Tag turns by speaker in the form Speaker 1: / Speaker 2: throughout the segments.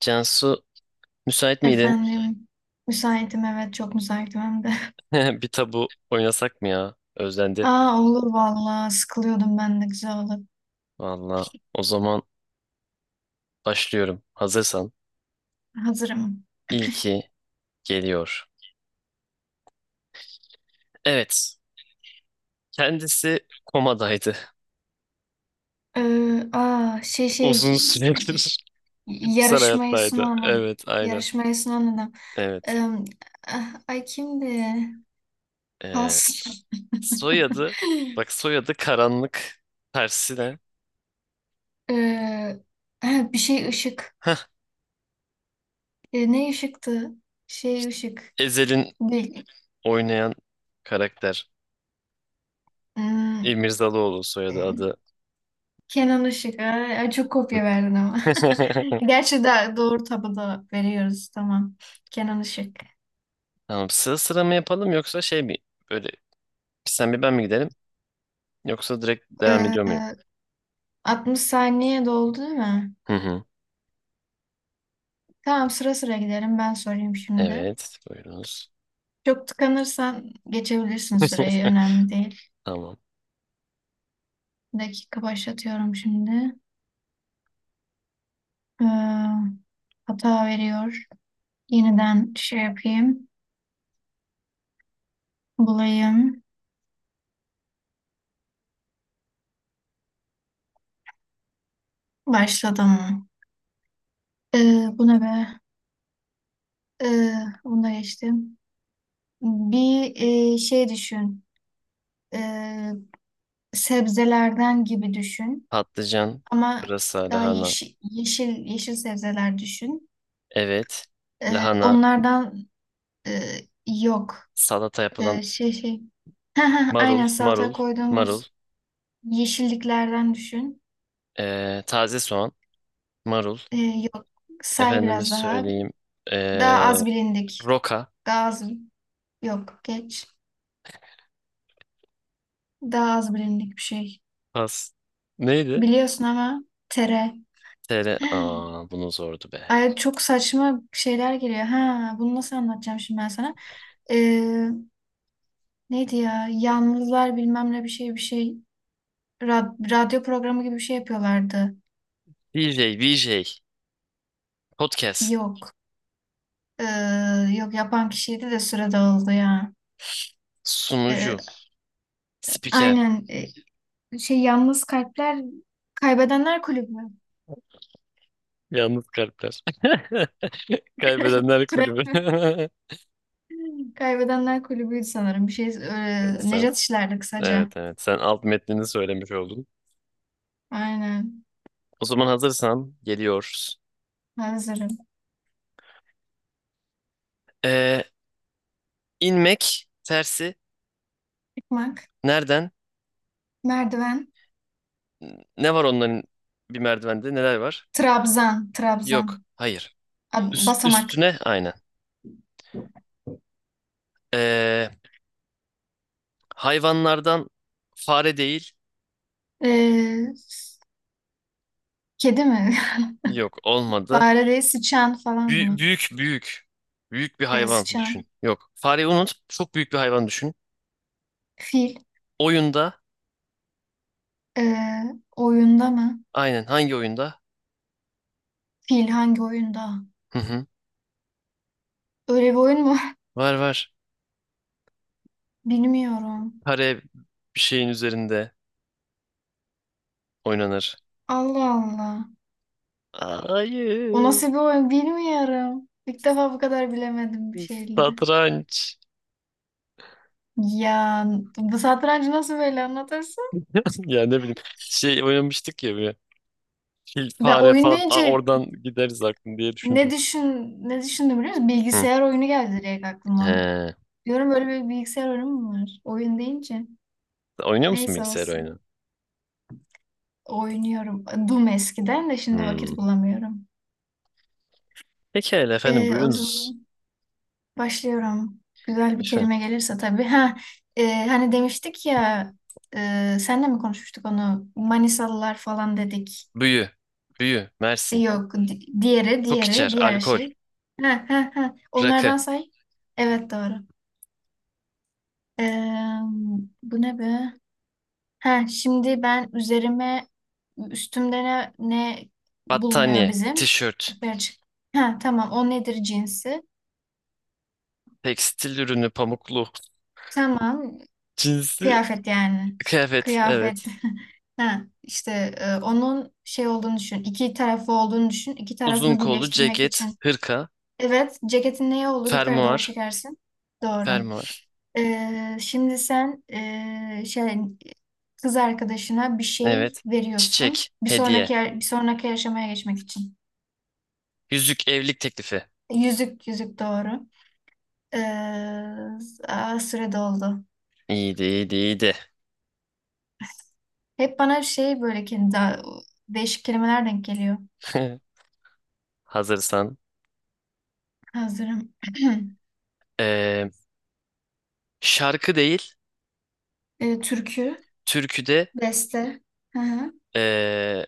Speaker 1: Cansu, müsait miydin?
Speaker 2: Efendim, müsaitim evet çok müsaitim hem de.
Speaker 1: Bir tabu oynasak mı ya? Özlendi.
Speaker 2: Aa olur vallahi sıkılıyordum ben de güzel olur.
Speaker 1: Valla, o zaman başlıyorum. Hazırsan.
Speaker 2: Hazırım.
Speaker 1: İlki geliyor. Evet. Kendisi komadaydı.
Speaker 2: Aa şey şey
Speaker 1: Uzun süredir bitkisel
Speaker 2: yarışmayı
Speaker 1: hayattaydı.
Speaker 2: sunan ad-
Speaker 1: Evet, aynen.
Speaker 2: yarışmayı sunan adam.
Speaker 1: Evet.
Speaker 2: Ee, Ay kimdi?
Speaker 1: Ee,
Speaker 2: Pas.
Speaker 1: Soyadı. Bak, soyadı karanlık. Tersine.
Speaker 2: Ee, ha, Bir şey ışık.
Speaker 1: Hah,
Speaker 2: Ne ışıktı? Şey ışık.
Speaker 1: Ezel'in
Speaker 2: Değil.
Speaker 1: oynayan karakter.
Speaker 2: Hmm,
Speaker 1: İmirzalıoğlu soyadı adı.
Speaker 2: Kenan Işık. Ay, ay, çok kopya verdin ama. Gerçi de doğru tabada veriyoruz. Tamam. Kenan Işık.
Speaker 1: Tamam, sıra sıra mı yapalım yoksa şey mi? Böyle, sen bir ben mi gidelim? Yoksa direkt devam
Speaker 2: Ee,
Speaker 1: ediyor muyum?
Speaker 2: 60 saniye doldu değil mi?
Speaker 1: Hı hı.
Speaker 2: Tamam sıra sıra gidelim. Ben sorayım şimdi.
Speaker 1: Evet, buyurunuz.
Speaker 2: Çok tıkanırsan geçebilirsin süreyi. Önemli değil.
Speaker 1: Tamam.
Speaker 2: Bir dakika başlatıyorum şimdi. Ee, Hata veriyor. Yeniden şey yapayım. Bulayım. Başladım. Bu ne be? Ee, Bunu da geçtim. Bir şey düşün. E, Sebzelerden gibi düşün.
Speaker 1: Patlıcan,
Speaker 2: Ama
Speaker 1: pırasa,
Speaker 2: daha
Speaker 1: lahana.
Speaker 2: yeşil yeşil sebzeler düşün.
Speaker 1: Evet. Lahana,
Speaker 2: Onlardan e, yok.
Speaker 1: salata yapılan
Speaker 2: E, şey şey. Aynen
Speaker 1: marul,
Speaker 2: salata
Speaker 1: marul,
Speaker 2: koyduğumuz
Speaker 1: marul.
Speaker 2: yeşilliklerden düşün.
Speaker 1: Taze soğan, marul.
Speaker 2: Yok. Say
Speaker 1: Efendime
Speaker 2: biraz daha.
Speaker 1: söyleyeyim. Ee,
Speaker 2: Daha az bilindik.
Speaker 1: roka,
Speaker 2: Daha az yok. Geç. Daha az bilindik bir şey.
Speaker 1: pas. Neydi?
Speaker 2: Biliyorsun ama tere.
Speaker 1: TR. Aa, bunu zordu be.
Speaker 2: Ay çok saçma şeyler geliyor. Ha, bunu nasıl anlatacağım şimdi ben sana? Ee, Neydi ya? Yalnızlar bilmem ne bir şey bir şey. Radyo programı gibi bir şey yapıyorlardı.
Speaker 1: DJ, VJ, podcast,
Speaker 2: Yok. Ee, Yok yapan kişiydi de süre dağıldı ya. Ee,
Speaker 1: sunucu, spiker.
Speaker 2: aynen. Yalnız Kalpler Kaybedenler Kulübü.
Speaker 1: Yalnız kalpler. Kaybedenler
Speaker 2: Türe-
Speaker 1: kulübü.
Speaker 2: Kaybedenler Kulübü'ydü sanırım. Bir şey
Speaker 1: Evet sen,
Speaker 2: Nejat işlerdi kısaca.
Speaker 1: evet sen alt metnini söylemiş oldun.
Speaker 2: Aynen.
Speaker 1: O zaman hazırsan geliyoruz.
Speaker 2: Hazırım.
Speaker 1: Ee, inmek tersi
Speaker 2: Çıkmak.
Speaker 1: nereden?
Speaker 2: Merdiven.
Speaker 1: Ne var onların, bir merdivende neler var? Yok.
Speaker 2: Trabzan.
Speaker 1: Hayır. Üst,
Speaker 2: Basamak.
Speaker 1: üstüne aynen. Ee, hayvanlardan fare değil.
Speaker 2: Ee, s- Kedi mi?
Speaker 1: Yok, olmadı.
Speaker 2: Fare değil, sıçan falan mı?
Speaker 1: Büyük büyük. Büyük bir hayvan
Speaker 2: Sıçan.
Speaker 1: düşün. Yok. Fareyi unut. Çok büyük bir hayvan düşün.
Speaker 2: Fil.
Speaker 1: Oyunda.
Speaker 2: Ee, Oyunda mı?
Speaker 1: Aynen, hangi oyunda?
Speaker 2: Fil hangi oyunda?
Speaker 1: Hı hı.
Speaker 2: Öyle bir oyun mu?
Speaker 1: Var var.
Speaker 2: Bilmiyorum.
Speaker 1: Kare bir şeyin üzerinde oynanır.
Speaker 2: Allah Allah. O
Speaker 1: Hayır.
Speaker 2: nasıl bir oyun bilmiyorum. İlk defa bu kadar bilemedim bir şeyleri.
Speaker 1: Satranç.
Speaker 2: Ya bu satrancı nasıl böyle anlatırsın?
Speaker 1: Ya ne bileyim. Şey oynamıştık ya böyle. Fil,
Speaker 2: Ben
Speaker 1: fare
Speaker 2: oyun
Speaker 1: falan. Aa,
Speaker 2: deyince
Speaker 1: oradan gideriz aklım diye düşündüm.
Speaker 2: ne düşündüm biliyor musun?
Speaker 1: Hı.
Speaker 2: Bilgisayar oyunu geldi direkt aklıma.
Speaker 1: He.
Speaker 2: Diyorum böyle bir bilgisayar oyunu mu var? Oyun deyince.
Speaker 1: Oynuyor musun
Speaker 2: Neyse
Speaker 1: bilgisayar
Speaker 2: olsun.
Speaker 1: oyunu?
Speaker 2: Oynuyorum. Doom eskiden de şimdi vakit
Speaker 1: Hmm.
Speaker 2: bulamıyorum.
Speaker 1: Pekala efendim,
Speaker 2: O
Speaker 1: buyurunuz.
Speaker 2: zaman başlıyorum. Güzel bir
Speaker 1: Efendim.
Speaker 2: kelime gelirse tabii. Ha, hani demiştik ya senle mi konuşmuştuk onu? Manisalılar falan dedik.
Speaker 1: Büyü. Büyü. Mersin.
Speaker 2: Yok. Diğeri,
Speaker 1: Çok içer.
Speaker 2: diğeri, diğer
Speaker 1: Alkol.
Speaker 2: şey. Ha, ha, ha.
Speaker 1: Rakı.
Speaker 2: Onlardan say. Evet doğru. Ee, Bu ne be? Ha, şimdi ben üzerime. Ne bulunuyor
Speaker 1: Battaniye.
Speaker 2: bizim?
Speaker 1: Tişört.
Speaker 2: Yukarı çık. Ha, tamam o nedir cinsi?
Speaker 1: Tekstil ürünü, pamuklu.
Speaker 2: Tamam
Speaker 1: Cinsi
Speaker 2: kıyafet yani.
Speaker 1: kıyafet.
Speaker 2: Kıyafet.
Speaker 1: Evet.
Speaker 2: Ha, işte onun şey olduğunu düşün. İki tarafı olduğunu düşün. İki
Speaker 1: Uzun
Speaker 2: tarafını
Speaker 1: kollu
Speaker 2: birleştirmek
Speaker 1: ceket,
Speaker 2: için.
Speaker 1: hırka,
Speaker 2: Evet ceketin neye olur? Yukarı doğru
Speaker 1: fermuar,
Speaker 2: çekersin. Doğru.
Speaker 1: fermuar.
Speaker 2: Şimdi sen şey kız arkadaşına bir şey
Speaker 1: Evet.
Speaker 2: veriyorsun.
Speaker 1: Çiçek, hediye.
Speaker 2: Bir sonraki aşamaya geçmek için.
Speaker 1: Yüzük, evlilik teklifi.
Speaker 2: Yüzük doğru. Ee, Süre doldu.
Speaker 1: İyiydi, iyiydi, iyiydi.
Speaker 2: Hep bana şey böyle kendi değişik kelimeler denk geliyor.
Speaker 1: Hazırsan.
Speaker 2: Hazırım.
Speaker 1: Ee, şarkı değil,
Speaker 2: Türkü,
Speaker 1: türkü de
Speaker 2: beste, hı hı.
Speaker 1: ee,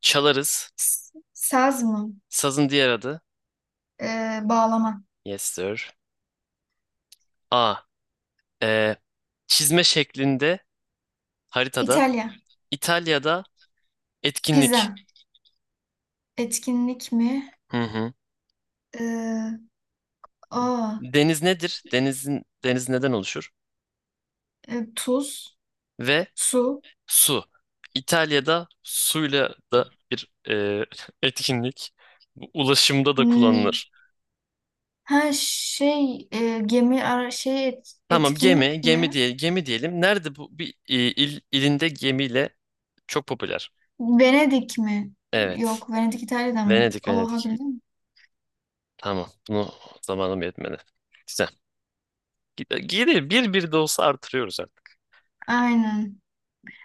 Speaker 1: çalarız.
Speaker 2: Saz mı?
Speaker 1: Sazın diğer adı.
Speaker 2: Bağlama.
Speaker 1: Yes sir. A. ee, çizme şeklinde haritada.
Speaker 2: İtalya,
Speaker 1: İtalya'da etkinlik.
Speaker 2: pizza, etkinlik mi?
Speaker 1: Hı hı.
Speaker 2: Ee, aa,
Speaker 1: Deniz nedir? Denizin, deniz neden oluşur?
Speaker 2: Tuz,
Speaker 1: Ve
Speaker 2: su.
Speaker 1: su. İtalya'da suyla da bir etkinlik. Bu ulaşımda da
Speaker 2: Hmm,
Speaker 1: kullanılır.
Speaker 2: Ha şey gemi
Speaker 1: Tamam, gemi,
Speaker 2: etkinlik
Speaker 1: gemi
Speaker 2: mi?
Speaker 1: diye gemi diyelim. Nerede bu bir il, ilinde gemiyle çok popüler.
Speaker 2: Venedik mi?
Speaker 1: Evet.
Speaker 2: Yok, Venedik İtalya'dan mı?
Speaker 1: Venedik,
Speaker 2: Oha
Speaker 1: Venedik.
Speaker 2: bildim.
Speaker 1: Tamam. Bunu zamanım yetmedi. Güzel. Geri bir bir de olsa artırıyoruz artık.
Speaker 2: Aynen.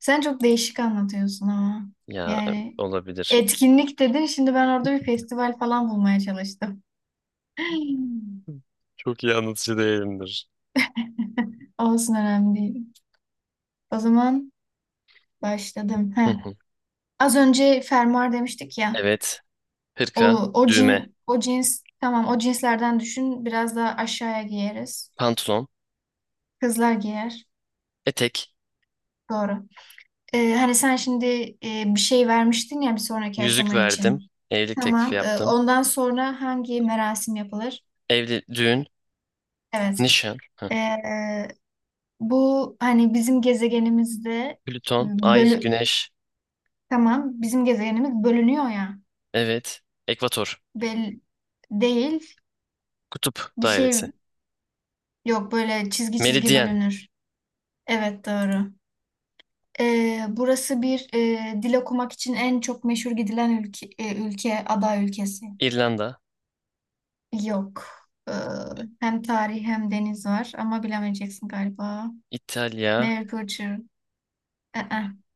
Speaker 2: Sen çok değişik anlatıyorsun ama.
Speaker 1: Ya
Speaker 2: Yani
Speaker 1: olabilir.
Speaker 2: etkinlik dedin. Şimdi ben orada bir festival falan bulmaya çalıştım.
Speaker 1: Çok iyi anlatıcı değilimdir.
Speaker 2: Olsun önemli değil. O zaman başladım.
Speaker 1: Hı
Speaker 2: Heh.
Speaker 1: hı.
Speaker 2: Az önce fermuar demiştik ya.
Speaker 1: Evet.
Speaker 2: O,
Speaker 1: Hırka, düğme,
Speaker 2: O cins tamam o cinslerden düşün. Biraz daha aşağıya giyeriz.
Speaker 1: pantolon,
Speaker 2: Kızlar giyer.
Speaker 1: etek.
Speaker 2: Doğru. Hani sen şimdi bir şey vermiştin ya bir sonraki
Speaker 1: Yüzük
Speaker 2: aşama için.
Speaker 1: verdim. Evlilik teklifi
Speaker 2: Tamam.
Speaker 1: yaptım.
Speaker 2: Ondan sonra hangi merasim yapılır?
Speaker 1: Evli, düğün,
Speaker 2: Evet.
Speaker 1: nişan, hı.
Speaker 2: Ee, Bu hani bizim gezegenimizde
Speaker 1: Plüton, ay,
Speaker 2: bölü
Speaker 1: güneş,
Speaker 2: tamam bizim gezegenimiz bölünüyor ya
Speaker 1: evet, ekvator,
Speaker 2: bel değil
Speaker 1: kutup
Speaker 2: bir
Speaker 1: dairesi,
Speaker 2: şey yok böyle çizgi çizgi
Speaker 1: meridyen,
Speaker 2: bölünür. Evet doğru. Burası bir dil okumak için en çok meşhur gidilen ülke, ülke aday ülkesi.
Speaker 1: İrlanda,
Speaker 2: Yok. Ee, Hem tarih hem deniz var ama bilemeyeceksin galiba.
Speaker 1: İtalya,
Speaker 2: Mercury. Ee,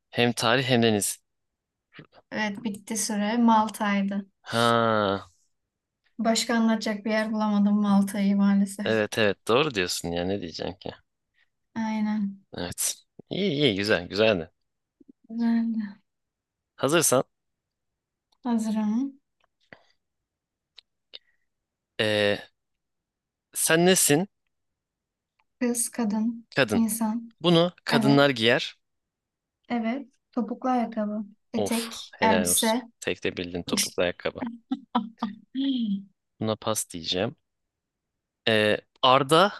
Speaker 1: hem tarih hem deniz.
Speaker 2: evet bitti süre. Malta'ydı.
Speaker 1: Ha,
Speaker 2: Başka anlatacak bir yer bulamadım Malta'yı maalesef.
Speaker 1: evet doğru diyorsun ya, ne diyeceğim ki?
Speaker 2: Aynen.
Speaker 1: Evet. İyi iyi, güzel güzeldi.
Speaker 2: Güzeldi.
Speaker 1: Hazırsan
Speaker 2: Hazırım.
Speaker 1: eee, sen nesin?
Speaker 2: Kız, kadın,
Speaker 1: Kadın.
Speaker 2: insan.
Speaker 1: Bunu
Speaker 2: Evet.
Speaker 1: kadınlar giyer.
Speaker 2: Evet. Topuklu ayakkabı.
Speaker 1: Of,
Speaker 2: Etek,
Speaker 1: helal olsun.
Speaker 2: elbise.
Speaker 1: Tek de bildin, topuklu ayakkabı. Buna pas diyeceğim. Arda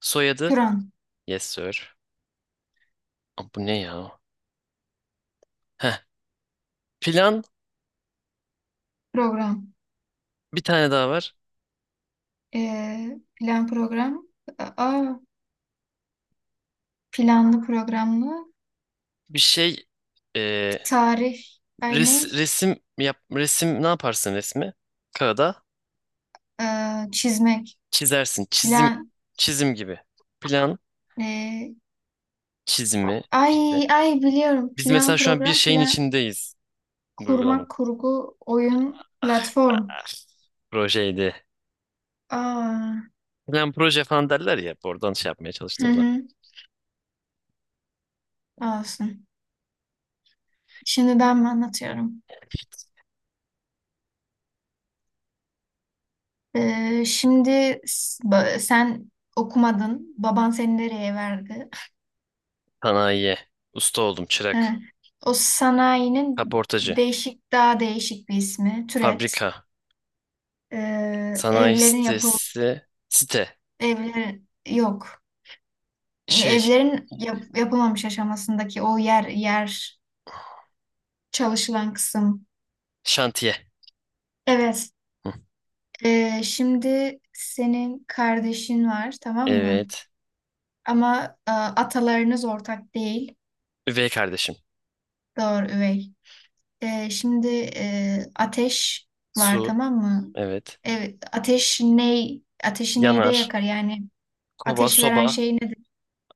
Speaker 1: soyadı.
Speaker 2: Plan,
Speaker 1: Yes sir. Aa, bu ne ya? Heh. Plan,
Speaker 2: program.
Speaker 1: bir tane daha var.
Speaker 2: Plan program. Aa, planlı programlı.
Speaker 1: Bir şey e,
Speaker 2: Tarih. Ay ne?
Speaker 1: resim yap, resim ne yaparsın resmi? Kağıda
Speaker 2: Çizmek.
Speaker 1: çizersin. Çizim,
Speaker 2: Plan.
Speaker 1: çizim gibi. Plan
Speaker 2: ee,
Speaker 1: çizimi
Speaker 2: Ay
Speaker 1: işte.
Speaker 2: ay biliyorum.
Speaker 1: Biz mesela
Speaker 2: Plan
Speaker 1: şu an bir
Speaker 2: program.
Speaker 1: şeyin
Speaker 2: Plan
Speaker 1: içindeyiz, bu
Speaker 2: kurmak
Speaker 1: uygulamanın.
Speaker 2: kurgu oyun
Speaker 1: Ah,
Speaker 2: platform.
Speaker 1: ah, projeydi.
Speaker 2: Aa,
Speaker 1: Plan proje falan derler ya. Oradan şey yapmaya
Speaker 2: hı
Speaker 1: çalıştım da.
Speaker 2: hı, olsun. Şimdiden mi anlatıyorum? Sen okumadın. Baban seni nereye verdi?
Speaker 1: Sanayiye. Usta oldum,
Speaker 2: He.
Speaker 1: çırak.
Speaker 2: O sanayinin
Speaker 1: Kaportacı.
Speaker 2: değişik, daha değişik bir ismi. Türet.
Speaker 1: Fabrika.
Speaker 2: Ee,
Speaker 1: Sanayi
Speaker 2: evlerin yapıl
Speaker 1: sitesi. Site.
Speaker 2: Evler yok.
Speaker 1: Şey.
Speaker 2: Yapılmamış aşamasındaki o yer çalışılan kısım.
Speaker 1: Şantiye.
Speaker 2: Evet.
Speaker 1: Hı.
Speaker 2: Şimdi senin kardeşin var, tamam mı?
Speaker 1: Evet.
Speaker 2: Ama atalarınız ortak değil.
Speaker 1: Üvey kardeşim.
Speaker 2: Doğru üvey. Şimdi ateş var
Speaker 1: Su.
Speaker 2: tamam mı?
Speaker 1: Evet.
Speaker 2: Evet, ateş ney? Ateşi neyde
Speaker 1: Yanar.
Speaker 2: yakar? Yani
Speaker 1: Kova,
Speaker 2: ateş veren
Speaker 1: soba,
Speaker 2: şey nedir?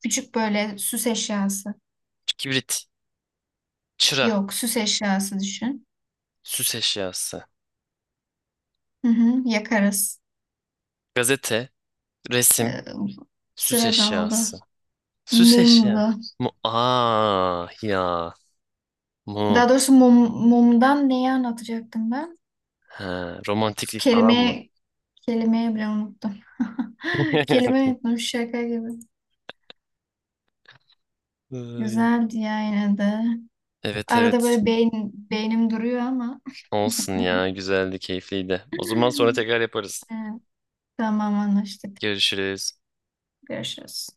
Speaker 2: Küçük böyle süs eşyası.
Speaker 1: kibrit, çıra,
Speaker 2: Yok, süs eşyası düşün.
Speaker 1: süs eşyası.
Speaker 2: Hı hı, yakarız.
Speaker 1: Gazete,
Speaker 2: E,
Speaker 1: resim, süs
Speaker 2: Sıra dağıldı.
Speaker 1: eşyası. Süs eşya.
Speaker 2: Mumlu.
Speaker 1: Mu aa ya. Mum.
Speaker 2: Daha doğrusu mumdan neyi anlatacaktım ben?
Speaker 1: Ha, romantiklik falan mı?
Speaker 2: Kelime, Kelimeyi bile unuttum. Kelime unuttum şaka gibi.
Speaker 1: Ay.
Speaker 2: Güzeldi ya yine de.
Speaker 1: Evet,
Speaker 2: Arada
Speaker 1: evet.
Speaker 2: böyle beynim duruyor ama.
Speaker 1: Olsun ya. Güzeldi, keyifliydi. O zaman sonra tekrar yaparız.
Speaker 2: Evet, tamam anlaştık.
Speaker 1: Görüşürüz.
Speaker 2: Görüşürüz.